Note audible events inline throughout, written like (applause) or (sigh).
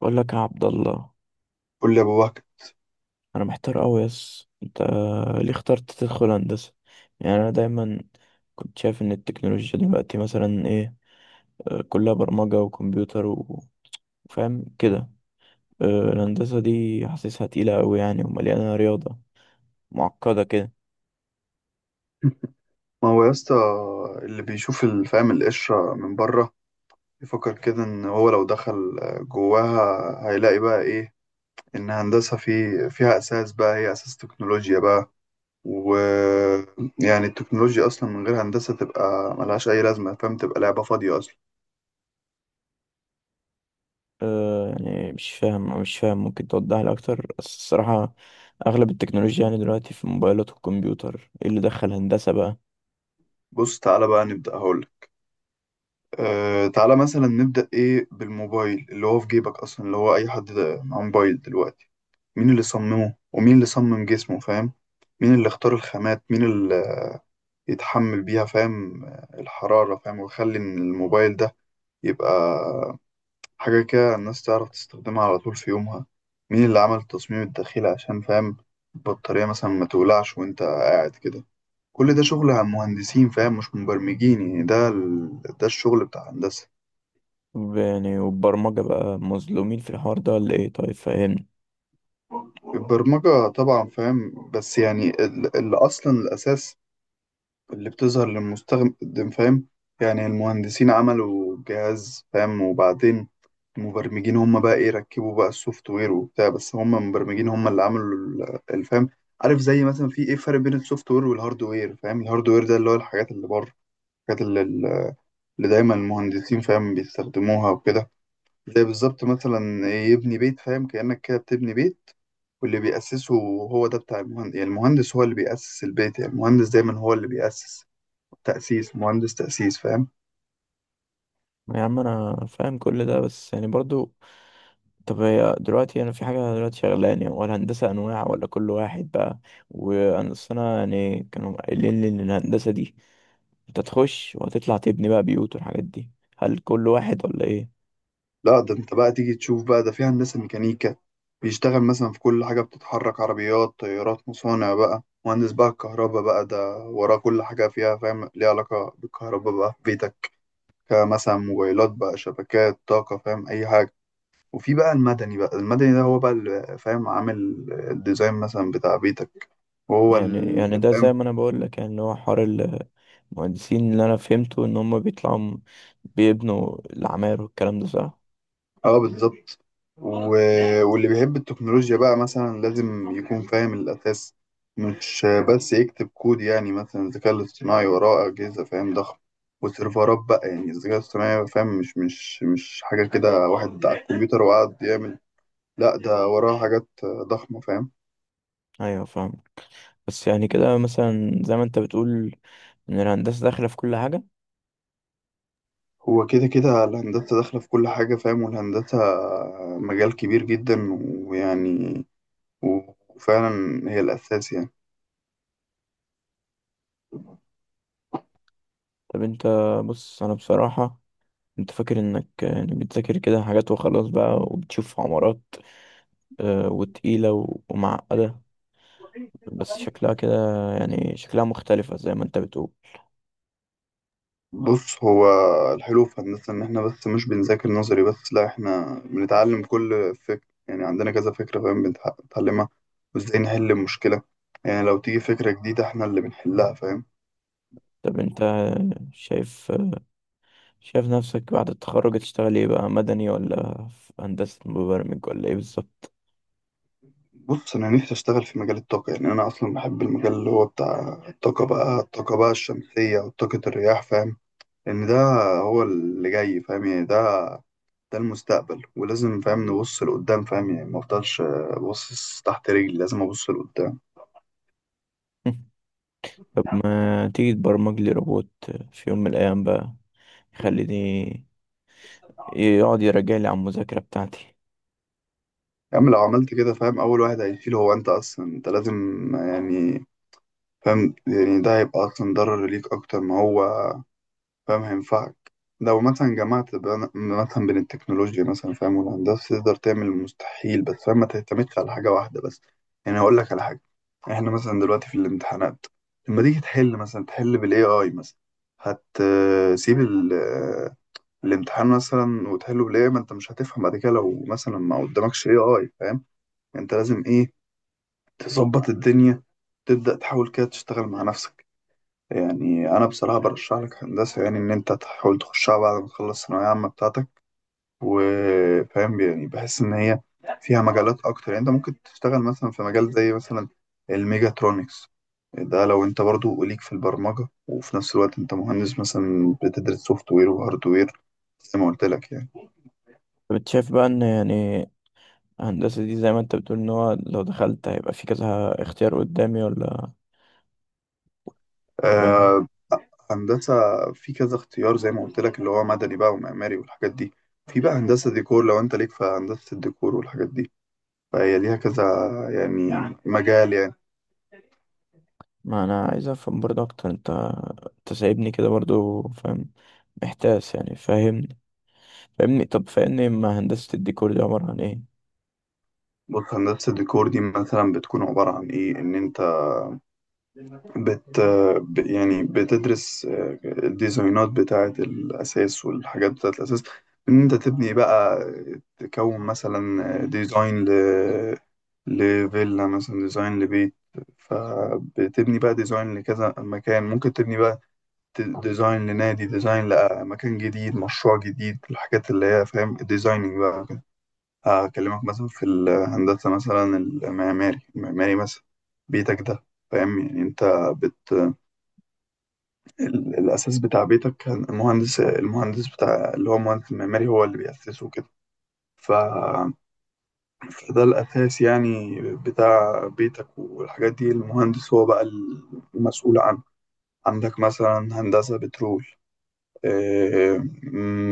بقول لك يا عبد الله، قول لي يا ابو بكر. انا محتار قوي. يس انت ليه اخترت تدخل هندسه؟ يعني انا دايما كنت شايف ان التكنولوجيا دلوقتي مثلا ايه، كلها برمجه وكمبيوتر وفاهم كده. آه، الهندسه دي حاسسها تقيله قوي يعني ومليانه رياضه معقده كده. ما هو يا اسطى، اللي بيشوف الفهم القشره من بره بيفكر كده ان هو لو دخل جواها هيلاقي بقى ايه. ان هندسه فيها اساس بقى، هي اساس تكنولوجيا بقى. و يعني التكنولوجيا اصلا من غير هندسه تبقى ملهاش اي لازمه فاهم، تبقى لعبه فاضيه اصلا. يعني مش فاهم، ممكن توضح لي اكتر بس الصراحه. اغلب التكنولوجيا يعني دلوقتي في الموبايلات والكمبيوتر، ايه اللي دخل هندسه بقى؟ بص تعالى بقى نبدا، هقول تعالى مثلا نبدا ايه بالموبايل اللي هو في جيبك اصلا، اللي هو اي حد معاه موبايل دلوقتي. مين اللي صممه ومين اللي صمم جسمه فاهم؟ مين اللي اختار الخامات، مين اللي يتحمل بيها فاهم الحرارة، فاهم، ويخلي إن الموبايل ده يبقى حاجة كده الناس تعرف تستخدمها على طول في يومها. مين اللي عمل التصميم الداخلي عشان فاهم البطارية مثلا ما تولعش وانت قاعد كده. كل ده شغل عن مهندسين فاهم، مش مبرمجين. يعني ده ده الشغل بتاع الهندسة. يعني والبرمجه بقى مظلومين في الحوار ده ولا ايه؟ طيب فاهم. البرمجة طبعا فاهم، بس يعني اللي أصلا الأساس اللي بتظهر للمستخدم فاهم. يعني المهندسين عملوا جهاز فاهم، وبعدين المبرمجين هم بقى ايه، ركبوا بقى السوفت وير وبتاع، بس هم المبرمجين هم اللي عملوا الفهم. عارف زي مثلا في ايه فرق بين السوفت وير والهارد وير، فاهم الهارد وير ده اللي هو الحاجات اللي بره، الحاجات اللي دايما المهندسين فاهم بيستخدموها وكده. زي بالظبط مثلا إيه، يبني بيت فاهم، كأنك كده بتبني بيت، واللي بيأسسه هو ده بتاع المهندس. يعني المهندس هو اللي بيأسس البيت، يعني المهندس دايما هو اللي بيأسس. تأسيس مهندس، تأسيس فاهم. يا عم انا فاهم كل ده بس يعني برضو، طب هي دلوقتي انا في حاجه دلوقتي شغلاني، يعني ولا هندسه انواع ولا كل واحد بقى؟ وانا أصل انا يعني كانوا قايلين لي ان الهندسه دي انت تخش وهتطلع تبني بقى بيوت والحاجات دي. هل كل واحد ولا ايه؟ لا ده انت بقى تيجي تشوف بقى، ده في هندسة ميكانيكا بيشتغل مثلا في كل حاجة بتتحرك، عربيات طيارات مصانع بقى. مهندس بقى الكهرباء بقى ده وراه كل حاجة فيها فاهم، ليها علاقة بالكهرباء بقى، في بيتك مثلا، موبايلات بقى، شبكات طاقة فاهم أي حاجة. وفي بقى المدني، بقى المدني ده هو بقى اللي فاهم عامل الديزاين مثلا بتاع بيتك، وهو يعني اللي ده زي فاهم. ما انا بقول لك، يعني اللي هو حوار المهندسين، اللي انا فهمته ان هم بيطلعوا بيبنوا العماير والكلام ده، صح؟ اه بالظبط. و... واللي بيحب التكنولوجيا بقى مثلا لازم يكون فاهم الأساس، مش بس يكتب كود. يعني مثلا الذكاء الاصطناعي وراه أجهزة فاهم ضخم وسيرفرات بقى. يعني الذكاء الاصطناعي فاهم مش حاجة كده واحد على الكمبيوتر وقعد يعمل، لا ده وراه حاجات ضخمة فاهم. ايوه فاهم. بس يعني كده مثلا زي ما انت بتقول ان الهندسه داخله في كل حاجه. هو كده كده الهندسة داخلة في كل حاجة فاهم، والهندسة مجال كبير جدا ويعني، وفعلا هي الأساس. طب انت، بص انا بصراحة انت فاكر انك يعني بتذاكر كده حاجات وخلاص بقى وبتشوف عمارات، وتقيلة ومعقدة، يعني بس شكلها كده. يعني شكلها مختلفة زي ما انت بتقول. بص هو الحلو في هندسة إن إحنا بس مش بنذاكر نظري بس، لأ إحنا بنتعلم كل فكرة. يعني عندنا كذا فكرة فاهم بنتعلمها وإزاي نحل المشكلة. يعني لو تيجي فكرة جديدة إحنا اللي بنحلها فاهم. طب انت شايف شايف نفسك بعد التخرج تشتغل ايه بقى؟ مدني ولا في هندسة مبرمج ولا ايه بالظبط؟ بص أنا نفسي أشتغل في مجال الطاقة، يعني أنا أصلا بحب المجال اللي هو بتاع الطاقة بقى، الطاقة بقى الشمسية وطاقة الرياح فاهم. لأن ده هو اللي جاي فاهم، يعني ده المستقبل، ولازم فاهم نبص لقدام فاهم، يعني مفضلش باصص تحت رجلي، لازم أبص (laughs) طب ما تيجي تبرمج لي روبوت في يوم من الايام بقى؟ لقدام. يخليني يقعد يراجع لي على المذاكرة بتاعتي. يا عم لو عملت كده فاهم، أول واحد هيشيل هو أنت أصلا، أنت لازم يعني فاهم، يعني ده هيبقى أصلا ضرر ليك أكتر ما هو فاهم هينفعك. لو مثلا جمعت مثلا بين التكنولوجيا مثلا فاهم والهندسة تقدر تعمل المستحيل، بس فاهم ما تعتمدش على حاجة واحدة بس. يعني هقول لك على حاجة، إحنا مثلا دلوقتي في الامتحانات لما تيجي تحل مثلا تحل بال AI مثلا، هتسيب الامتحان مثلا وتحله بالاي، ما انت مش هتفهم بعد كده. لو مثلا ما قدامكش اي اي فاهم، انت لازم ايه، تظبط الدنيا، تبدأ تحاول كده تشتغل مع نفسك. يعني أنا بصراحة برشح لك هندسة، يعني إن أنت تحاول تخشها بعد ما تخلص الثانوية العامة بتاعتك. وفاهم يعني بحس إن هي فيها مجالات أكتر. يعني أنت ممكن تشتغل مثلا في مجال زي مثلا الميجاترونكس، ده لو أنت برضو ليك في البرمجة، وفي نفس الوقت أنت مهندس مثلا بتدرس سوفت وير وهارد وير، زي ما قلت لك يعني. طب انت شايف بقى ان يعني هندسة دي زي ما انت بتقول، ان هو لو دخلت هيبقى في كذا اختيار قدامي ولا؟ فاهم؟ آه، هندسة في كذا اختيار زي ما قلت لك، اللي هو مدني بقى ومعماري والحاجات دي. في بقى هندسة ديكور، لو انت ليك في هندسة الديكور والحاجات دي، فهي ليها كذا يعني مجال يعني. ما انا عايز افهم برضه اكتر. انت انت سايبني كده برضه، فاهم؟ محتاس يعني، فاهم؟ فاهمني، طب فاهمني، ما هندسة الديكور دي عبارة عن ايه؟ بص هندسة الديكور دي مثلا بتكون عبارة عن ايه، ان انت بت يعني بتدرس الديزاينات بتاعة الأساس والحاجات بتاعة الأساس، إن أنت تبني بقى، تكون مثلا ديزاين لفيلا مثلا، ديزاين لبيت. فبتبني بقى ديزاين لكذا مكان، ممكن تبني بقى ديزاين لنادي، ديزاين لمكان جديد، مشروع جديد، الحاجات اللي هي فاهم الديزايننج بقى وكده. هكلمك مثلا في الهندسة مثلا المعماري مثلا بيتك ده فاهم يعني انت، الأساس بتاع بيتك كان المهندس بتاع اللي هو المهندس المعماري هو اللي بيأسسه كده. ف... فده الأساس يعني بتاع بيتك والحاجات دي، المهندس هو بقى المسؤول عنه. عندك مثلا هندسة بترول، آه،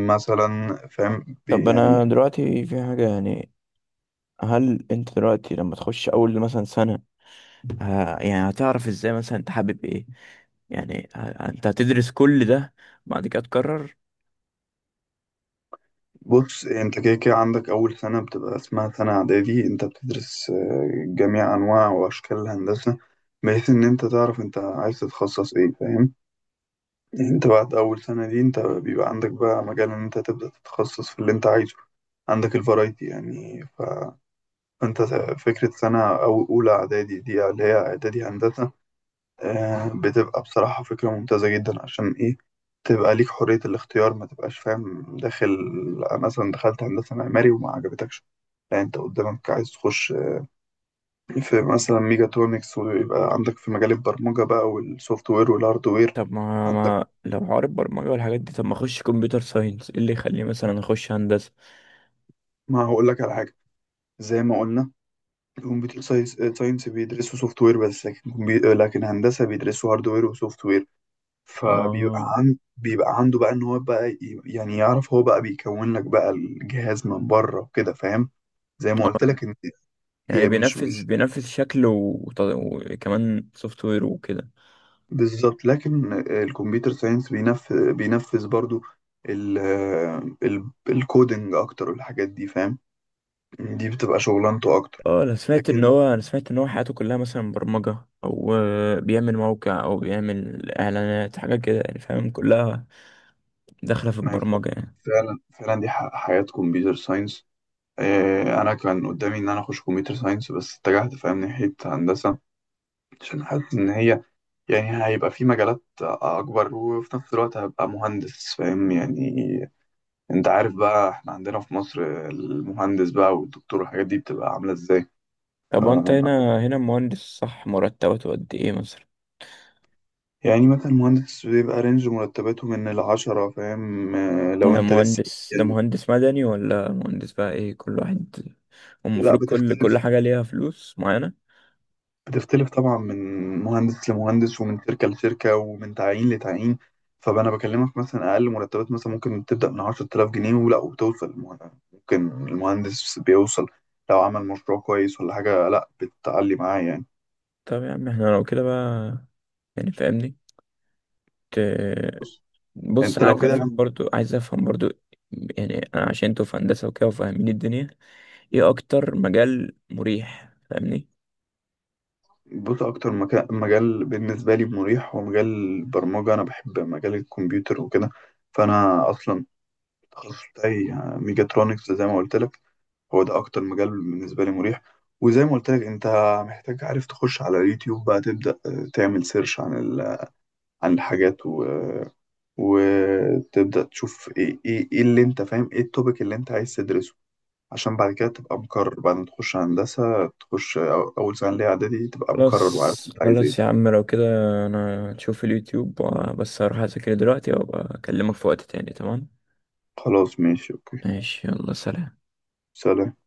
مثلا فاهم طب انا يعني. دلوقتي في حاجة يعني، هل انت دلوقتي لما تخش اول مثلا سنة، يعني هتعرف ازاي مثلا انت حابب ايه؟ يعني انت هتدرس كل ده بعد كده تقرر؟ بص انت كده كده عندك أول سنة بتبقى اسمها سنة إعدادي، انت بتدرس جميع أنواع وأشكال الهندسة، بحيث إن انت تعرف انت عايز تتخصص ايه فاهم. انت بعد اول سنة دي انت بيبقى عندك بقى مجال ان انت تبدأ تتخصص في اللي انت عايزه. عندك الفرايتي يعني، فانت فكرة سنة او اولى اعدادي دي اللي هي اعدادي هندسة، بتبقى بصراحة فكرة ممتازة جدا. عشان ايه؟ تبقى ليك حرية الاختيار، ما تبقاش فاهم داخل مثلا دخلت هندسة معماري وما عجبتكش. لا انت قدامك عايز تخش في مثلا ميجاترونكس، ويبقى عندك في مجال البرمجة بقى والسوفت وير والهارد وير. طب ما عندك ما لو عارف برمجة والحاجات دي، طب ما اخش كمبيوتر ساينس؟ ايه اللي يخليه مثلا اخش هندسة؟ ما هقول لك على حاجة، زي ما قلنا كمبيوتر ساينس، ساينس بيدرسوا سوفت وير بس، لكن لكن هندسه بيدرسوا هارد وير وسوفت وير. فبيبقى اه، بيبقى عنده بقى ان هو بقى يعني يعرف هو بقى بيكون لك بقى الجهاز من بره وكده فاهم. زي ما قلت اه، لك ان يعني هي مش بينفذ مش بينفذ شكل وكمان سوفت وير وكده؟ بالظبط، لكن الكمبيوتر ساينس بينفذ برضو ال... الكودينج اكتر والحاجات دي فاهم، دي بتبقى شغلانته اكتر. اه، انا سمعت ان لكن هو انا سمعت ان هو حياته كلها مثلا برمجة او بيعمل موقع او بيعمل اعلانات حاجة كده يعني، فاهم؟ كلها داخلة في ما هي البرمجة يعني. فعلا فعلا دي حياة كمبيوتر ساينس. انا كان قدامي ان انا اخش كمبيوتر ساينس بس اتجهت فاهم ناحيه هندسه، عشان حاسس ان هي يعني هيبقى في مجالات اكبر، وفي نفس الوقت هبقى مهندس فاهم يعني. انت عارف بقى احنا عندنا في مصر المهندس بقى والدكتور والحاجات دي بتبقى عامله ازاي. ف- طب وانت هنا مهندس، صح؟ مرتباته قد ايه مثلا؟ يعني مثلا مهندس بيبقى رينج مرتباته من العشرة فاهم، لو ده انت لسه مهندس ده يعني. مهندس مدني ولا مهندس بقى ايه كل واحد؟ لا المفروض كل بتختلف، حاجة ليها فلوس معينة. بتختلف طبعا من مهندس لمهندس، ومن شركة لشركة، ومن تعيين لتعيين. فأنا بكلمك مثلا أقل مرتبات مثلا ممكن تبدأ من 10,000 جنيه ولا، وتوصل ممكن المهندس بيوصل لو عمل مشروع كويس ولا حاجة، لا بتعلي معاه يعني. طب يا عم احنا لو كده بقى، يعني فاهمني، ت- بص بص أنت انا لو عايز كده انا، افهم برضو عايز افهم برضو يعني انا عشان انتوا في هندسة وكده وفاهمين الدنيا، ايه اكتر مجال مريح؟ فاهمني. بص أكتر مجال بالنسبة لي مريح هو مجال البرمجة، أنا بحب مجال الكمبيوتر وكده. فأنا أصلا التخصص بتاعي ميجاترونكس زي ما قلت لك، هو ده اكتر مجال بالنسبه لي مريح. وزي ما قلت لك انت محتاج عارف تخش على اليوتيوب بقى، تبدا تعمل سيرش عن عن الحاجات وتبدا تشوف ايه ايه إيه اللي انت فاهم ايه التوبيك اللي انت عايز تدرسه. عشان بعد كده تبقى مقرر بعد ما تخش هندسه، تخش اول سنه ليها اعدادي، تبقى مقرر وعارف خلاص، انت عايز ايه. خلاص يا عم، لو كده انا هشوف اليوتيوب، بس هروح اذاكر دلوقتي وابقى اكلمك في وقت تاني، تمام؟ خلاص ماشي اوكي. ماشي، يلا سلام. سلام.